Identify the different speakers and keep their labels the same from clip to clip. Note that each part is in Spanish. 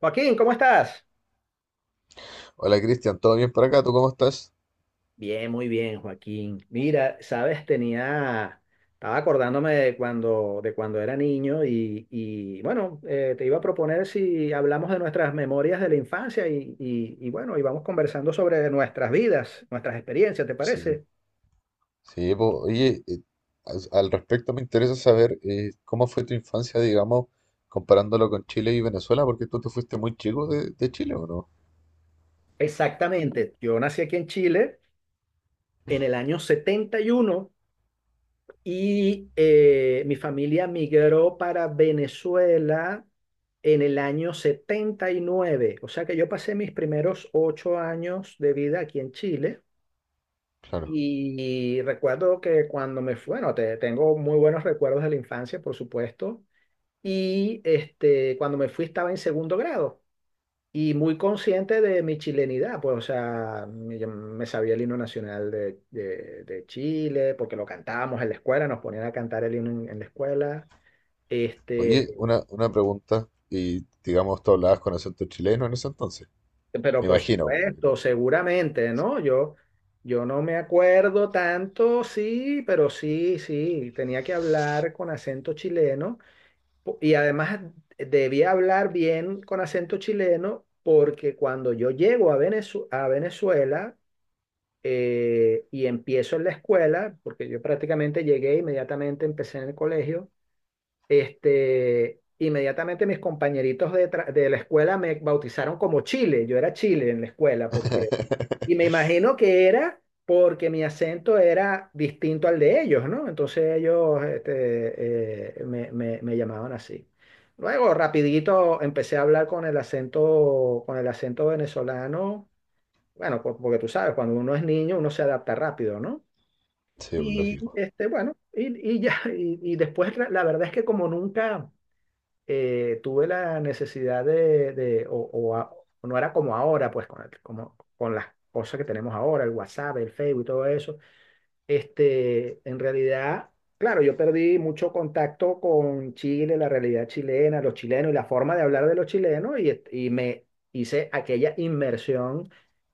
Speaker 1: Joaquín, ¿cómo estás?
Speaker 2: Hola Cristian, ¿todo bien por acá? ¿Tú cómo estás?
Speaker 1: Bien, muy bien, Joaquín. Mira, sabes, estaba acordándome de cuando era niño bueno, te iba a proponer si hablamos de nuestras memorias de la infancia y bueno, y vamos conversando sobre nuestras vidas, nuestras experiencias, ¿te
Speaker 2: Sí,
Speaker 1: parece?
Speaker 2: sí, po. Oye, al respecto me interesa saber cómo fue tu infancia, digamos, comparándolo con Chile y Venezuela, porque tú te fuiste muy chico de Chile, ¿o no?
Speaker 1: Exactamente. Yo nací aquí en Chile en el año 71. Y mi familia migró para Venezuela en el año 79. O sea que yo pasé mis primeros 8 años de vida aquí en Chile.
Speaker 2: Claro.
Speaker 1: Y recuerdo que cuando me fui, bueno, tengo muy buenos recuerdos de la infancia, por supuesto. Y cuando me fui estaba en segundo grado y muy consciente de mi chilenidad, pues, o sea, yo me sabía el himno nacional de Chile, porque lo cantábamos en la escuela, nos ponían a cantar el himno en la escuela.
Speaker 2: Oye,
Speaker 1: este,
Speaker 2: una pregunta, y digamos, tú hablabas con acento chileno en ese entonces.
Speaker 1: pero
Speaker 2: Me
Speaker 1: por
Speaker 2: imagino, no creo.
Speaker 1: supuesto, seguramente, ¿no? Yo no me acuerdo tanto, sí, pero sí, sí, tenía que hablar con acento chileno, y además debía hablar bien con acento chileno, porque cuando yo llego a a Venezuela, y empiezo en la escuela, porque yo prácticamente llegué inmediatamente, empecé en el colegio. Inmediatamente mis compañeritos de la escuela me bautizaron como Chile, yo era Chile en la escuela, y me imagino que era porque mi acento era distinto al de ellos, ¿no? Entonces ellos me llamaban así. Luego, rapidito, empecé a hablar con el acento venezolano. Bueno, porque tú sabes, cuando uno es niño, uno se adapta rápido, ¿no?
Speaker 2: Sí, pues,
Speaker 1: Y
Speaker 2: lógico,
Speaker 1: este, bueno, y ya, y después la verdad es que como nunca tuve la necesidad o no era como ahora, pues con, como, con las cosas que tenemos ahora, el WhatsApp, el Facebook y todo eso. En realidad, claro, yo perdí mucho contacto con Chile, la realidad chilena, los chilenos y la forma de hablar de los chilenos y me hice aquella inmersión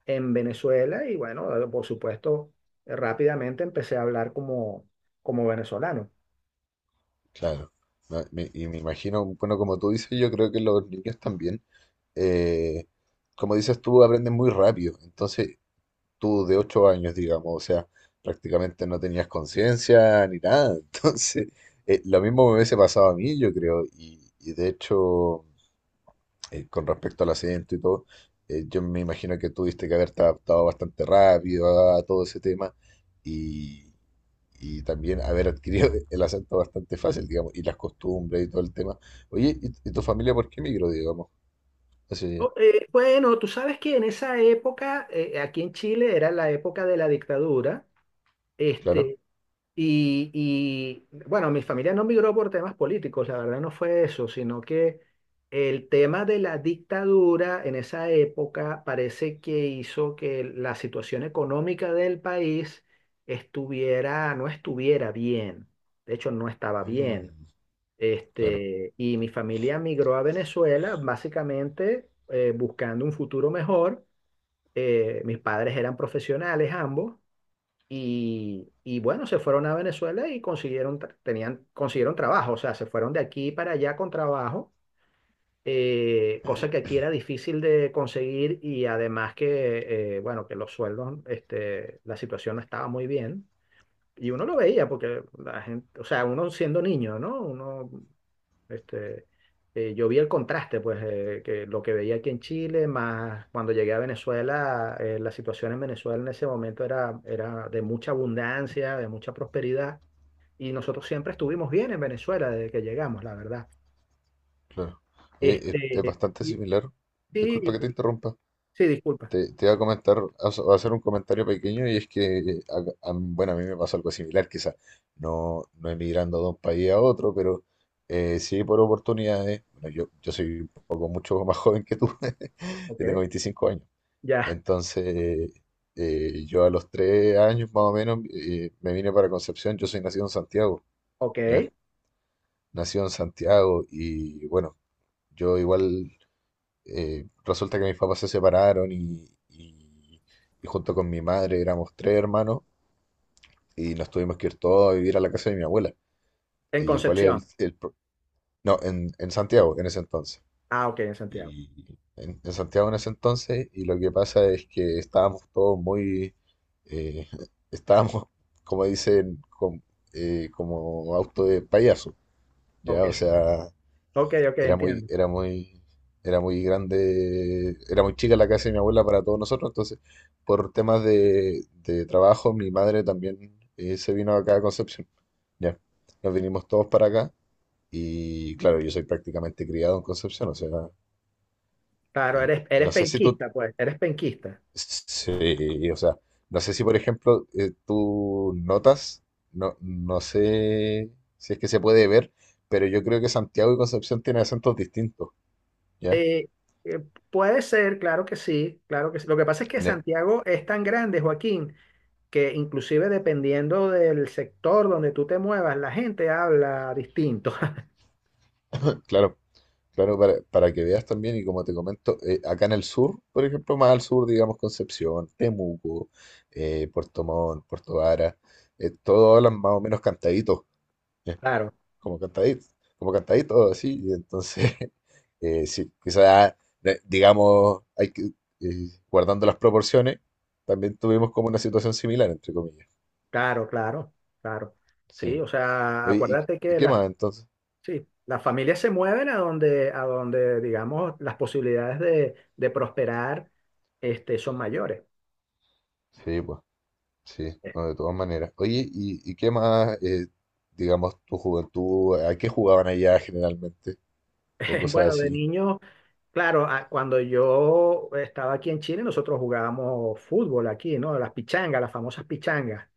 Speaker 1: en Venezuela y bueno, por supuesto, rápidamente empecé a hablar como venezolano.
Speaker 2: claro. No, y me imagino, bueno, como tú dices, yo creo que los niños también, eh, como dices tú, aprenden muy rápido. Entonces, tú de 8 años, digamos, o sea, prácticamente no tenías conciencia ni nada. Entonces, lo mismo me hubiese pasado a mí, yo creo, y de hecho, con respecto al acento y todo, yo me imagino que tuviste que haberte adaptado bastante rápido a todo ese tema y, y también haber adquirido el acento bastante fácil, digamos, y las costumbres y todo el tema. Oye, ¿ y tu familia por qué migró, digamos? Así,
Speaker 1: Oh, bueno, tú sabes que en esa época, aquí en Chile era la época de la dictadura.
Speaker 2: claro.
Speaker 1: Este, bueno, mi familia no migró por temas políticos, la verdad no fue eso, sino que el tema de la dictadura en esa época parece que hizo que la situación económica del país estuviera, no estuviera bien, de hecho no estaba
Speaker 2: Ujú,
Speaker 1: bien.
Speaker 2: claro.
Speaker 1: Y mi familia migró a Venezuela básicamente buscando un futuro mejor. Mis padres eran profesionales ambos y bueno, se fueron a Venezuela y consiguieron trabajo, o sea, se fueron de aquí para allá con trabajo, cosa que aquí era difícil de conseguir y además que, bueno, que los sueldos, la situación no estaba muy bien. Y uno lo veía porque la gente, o sea, uno siendo niño, ¿no? Este, yo vi el contraste, pues, que lo que veía aquí en Chile, más cuando llegué a Venezuela, la situación en Venezuela en ese momento era de mucha abundancia, de mucha prosperidad, y nosotros siempre estuvimos bien en Venezuela desde que llegamos, la verdad.
Speaker 2: Claro. Oye, es
Speaker 1: Este,
Speaker 2: bastante
Speaker 1: y-
Speaker 2: similar. Disculpa
Speaker 1: sí,
Speaker 2: que te interrumpa.
Speaker 1: sí, disculpa.
Speaker 2: Te iba a comentar, a hacer un comentario pequeño y es que, acá- a bueno, a mí me pasó algo similar, quizás no, no emigrando de un país a otro, pero sí por oportunidades. Bueno, yo soy un poco mucho más joven que tú, yo
Speaker 1: Ok,
Speaker 2: tengo 25 años.
Speaker 1: ya,
Speaker 2: Entonces, yo a los 3 años más o menos me vine para Concepción, yo soy nacido en Santiago, ¿ya?
Speaker 1: ok.
Speaker 2: Nacido en Santiago y bueno, yo igual resulta que mis papás se separaron y junto con mi madre éramos tres hermanos y nos tuvimos que ir todos a vivir a la casa de mi abuela.
Speaker 1: En
Speaker 2: ¿Y cuál
Speaker 1: Concepción.
Speaker 2: es el pro- No, en Santiago en ese entonces.
Speaker 1: Ah, ok, en Santiago.
Speaker 2: Y en Santiago en ese entonces y lo que pasa es que estábamos todos muy... eh, estábamos, como dicen, como auto de payaso,
Speaker 1: Ok,
Speaker 2: ¿ya? O sea
Speaker 1: ok, ok,
Speaker 2: era muy,
Speaker 1: entiendo.
Speaker 2: era muy, era muy grande, era muy chica la casa de mi abuela para todos nosotros, entonces por temas de trabajo mi madre también se vino acá a Concepción. Ya, nos vinimos todos para acá y claro, yo soy prácticamente criado en Concepción, o sea,
Speaker 1: Claro,
Speaker 2: y,
Speaker 1: eres,
Speaker 2: y
Speaker 1: eres
Speaker 2: no sé si tú,
Speaker 1: penquista, pues, eres penquista.
Speaker 2: sí, o sea, no sé si por ejemplo tú notas, no, no sé si es que se puede ver, pero yo creo que Santiago y Concepción tienen acentos distintos, ¿ya?
Speaker 1: Eh, eh, Puede ser, claro que sí, claro que sí. Lo que pasa es que
Speaker 2: En e-
Speaker 1: Santiago es tan grande, Joaquín, que inclusive dependiendo del sector donde tú te muevas, la gente habla distinto.
Speaker 2: claro. Claro, para que veas también, y como te comento, acá en el sur, por ejemplo, más al sur, digamos Concepción, Temuco, Puerto Montt, Puerto Vara, todos hablan más o menos cantadito, eh,
Speaker 1: Claro,
Speaker 2: como cantadito, como cantadito, así, y entonces, sí, quizás, digamos, guardando las proporciones, también tuvimos como una situación similar, entre comillas.
Speaker 1: claro, claro, claro. Sí,
Speaker 2: Sí.
Speaker 1: o sea,
Speaker 2: Oye, ¿
Speaker 1: acuérdate
Speaker 2: y
Speaker 1: que
Speaker 2: qué más entonces?
Speaker 1: sí, las familias se mueven a donde, digamos, las posibilidades de prosperar, son mayores.
Speaker 2: Sí, pues. Sí, no, de todas maneras. Oye, ¿ y qué más, digamos, tu juventud, ¿a qué jugaban allá generalmente? O cosas
Speaker 1: Bueno, de
Speaker 2: así.
Speaker 1: niño, claro, cuando yo estaba aquí en Chile, nosotros jugábamos fútbol aquí, ¿no? Las pichangas, las famosas pichangas,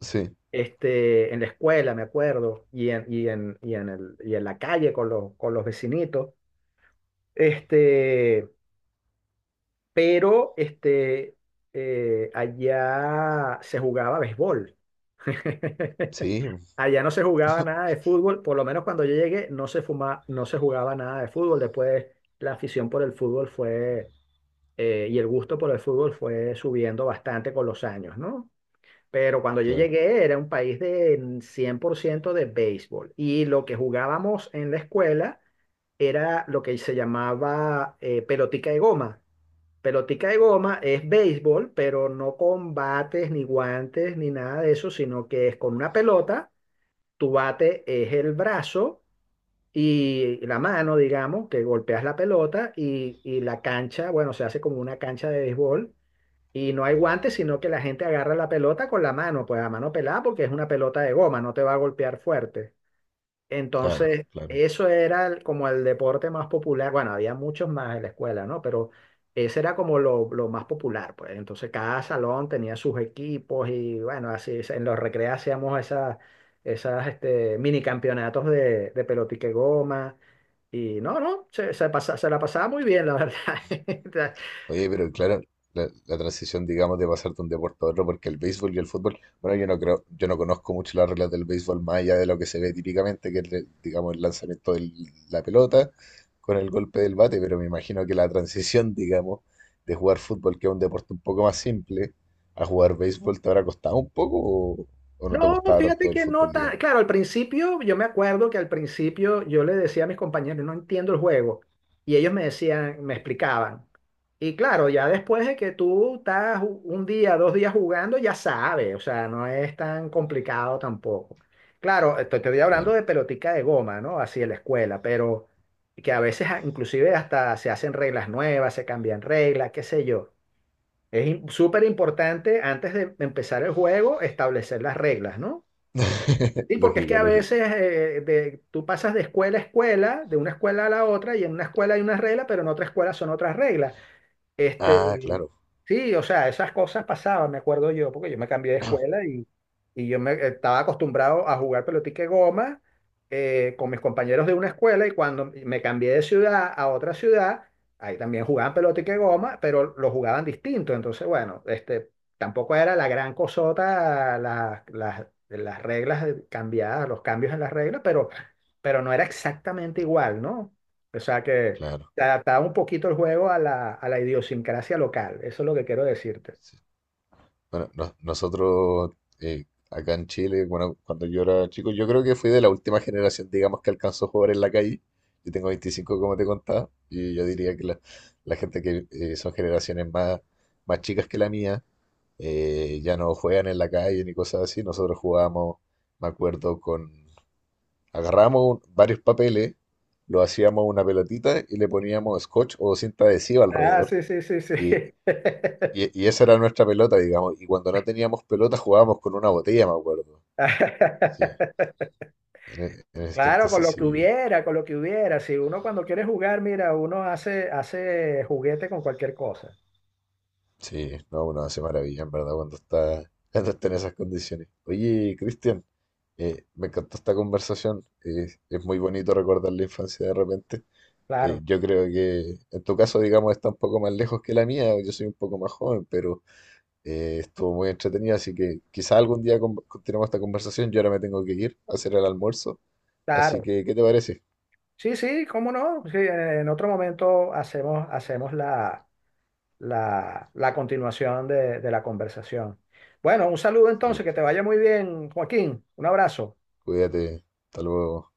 Speaker 2: Sí,
Speaker 1: en la escuela, me acuerdo, y en la calle con los vecinitos. Este, pero este, Allá se jugaba béisbol.
Speaker 2: sí,
Speaker 1: Allá no se jugaba nada de fútbol, por lo menos cuando yo llegué, no se jugaba nada de fútbol. Después la afición por el fútbol fue y el gusto por el fútbol fue subiendo bastante con los años, ¿no? Pero cuando yo
Speaker 2: claro,
Speaker 1: llegué era un país de 100% de béisbol y lo que jugábamos en la escuela era lo que se llamaba pelotica de goma. Pelotica de goma es béisbol, pero no con bates ni guantes ni nada de eso, sino que es con una pelota, tu bate es el brazo y la mano, digamos, que golpeas la pelota y la cancha, bueno, se hace como una cancha de béisbol y no hay guantes, sino que la gente agarra la pelota con la mano, pues a mano pelada, porque es una pelota de goma, no te va a golpear fuerte.
Speaker 2: claro,
Speaker 1: Entonces,
Speaker 2: claro.
Speaker 1: eso era como el deporte más popular. Bueno, había muchos más en la escuela, ¿no? Pero ese era como lo más popular, pues. Entonces, cada salón tenía sus equipos y, bueno, así es, en los recreos hacíamos esas, mini campeonatos de pelotique goma. Y no, no, se la pasaba muy bien, la verdad.
Speaker 2: Oye, pero claro, la transición, digamos, de pasar de un deporte a otro, porque el béisbol y el fútbol, bueno, yo no creo, yo no conozco mucho las reglas del béisbol más allá de lo que se ve típicamente, que es, digamos, el lanzamiento de la pelota con el golpe del bate, pero me imagino que la transición, digamos, de jugar fútbol, que es un deporte un poco más simple, a jugar béisbol te habrá costado un poco o no te
Speaker 1: No,
Speaker 2: gustaba
Speaker 1: fíjate
Speaker 2: tanto el
Speaker 1: que no
Speaker 2: fútbol,
Speaker 1: tan.
Speaker 2: digamos.
Speaker 1: Claro, al principio, yo me acuerdo que al principio yo le decía a mis compañeros, no entiendo el juego. Y ellos me decían, me explicaban. Y claro, ya después de que tú estás un día, dos días jugando, ya sabes, o sea, no es tan complicado tampoco. Claro, te estoy hablando
Speaker 2: Claro,
Speaker 1: de pelotica de goma, ¿no? Así en la escuela, pero que a veces inclusive hasta se hacen reglas nuevas, se cambian reglas, qué sé yo. Es súper importante antes de empezar el juego establecer las reglas, ¿no? Sí, porque es que
Speaker 2: lógico,
Speaker 1: a veces
Speaker 2: lógico.
Speaker 1: tú pasas de escuela a escuela, de una escuela a la otra, y en una escuela hay unas reglas, pero en otra escuela son otras reglas.
Speaker 2: Ah,
Speaker 1: Este,
Speaker 2: claro,
Speaker 1: sí, o sea, esas cosas pasaban, me acuerdo yo, porque yo me cambié de escuela y estaba acostumbrado a jugar pelotique goma con mis compañeros de una escuela y cuando me cambié de ciudad a otra ciudad, ahí también jugaban pelotique goma, pero lo jugaban distinto. Entonces, bueno, tampoco era la gran cosota las reglas cambiadas, los cambios en las reglas, pero, no era exactamente igual, ¿no? O sea que
Speaker 2: claro.
Speaker 1: se adaptaba un poquito el juego a la idiosincrasia local. Eso es lo que quiero decirte.
Speaker 2: Sí. Bueno, nosotros acá en Chile, bueno, cuando yo era chico, yo creo que fui de la última generación, digamos, que alcanzó a jugar en la calle. Yo tengo 25 como te contaba, y yo diría que la gente que son generaciones más, más chicas que la mía, ya no juegan en la calle ni cosas así. Nosotros jugábamos, me acuerdo, con... Agarramos varios papeles, lo hacíamos una pelotita y le poníamos scotch o cinta adhesiva
Speaker 1: Ah,
Speaker 2: alrededor.
Speaker 1: sí, sí, sí, sí.
Speaker 2: Y y, y esa era nuestra pelota, digamos. Y cuando no teníamos pelota jugábamos con una botella, me acuerdo. Sí, en ese
Speaker 1: Claro, con
Speaker 2: entonces
Speaker 1: lo que
Speaker 2: sí,
Speaker 1: hubiera, con lo que hubiera. Si uno cuando quiere jugar, mira, uno hace, hace juguete con cualquier cosa.
Speaker 2: sí, no, uno hace maravilla, en verdad, cuando está en esas condiciones. Oye, Cristian, me encantó esta conversación. Eh, es muy bonito recordar la infancia de repente.
Speaker 1: Claro,
Speaker 2: Yo creo que en tu caso, digamos, está un poco más lejos que la mía. Yo soy un poco más joven, pero estuvo muy entretenido, así que quizá algún día continuemos esta conversación. Yo ahora me tengo que ir a hacer el almuerzo. Así
Speaker 1: claro.
Speaker 2: que, ¿qué te parece?
Speaker 1: Sí, sí, cómo no. Sí, en otro momento hacemos la continuación de la conversación. Bueno, un saludo
Speaker 2: Sí,
Speaker 1: entonces, que te vaya muy bien, Joaquín. Un abrazo.
Speaker 2: cuídate. Hasta luego.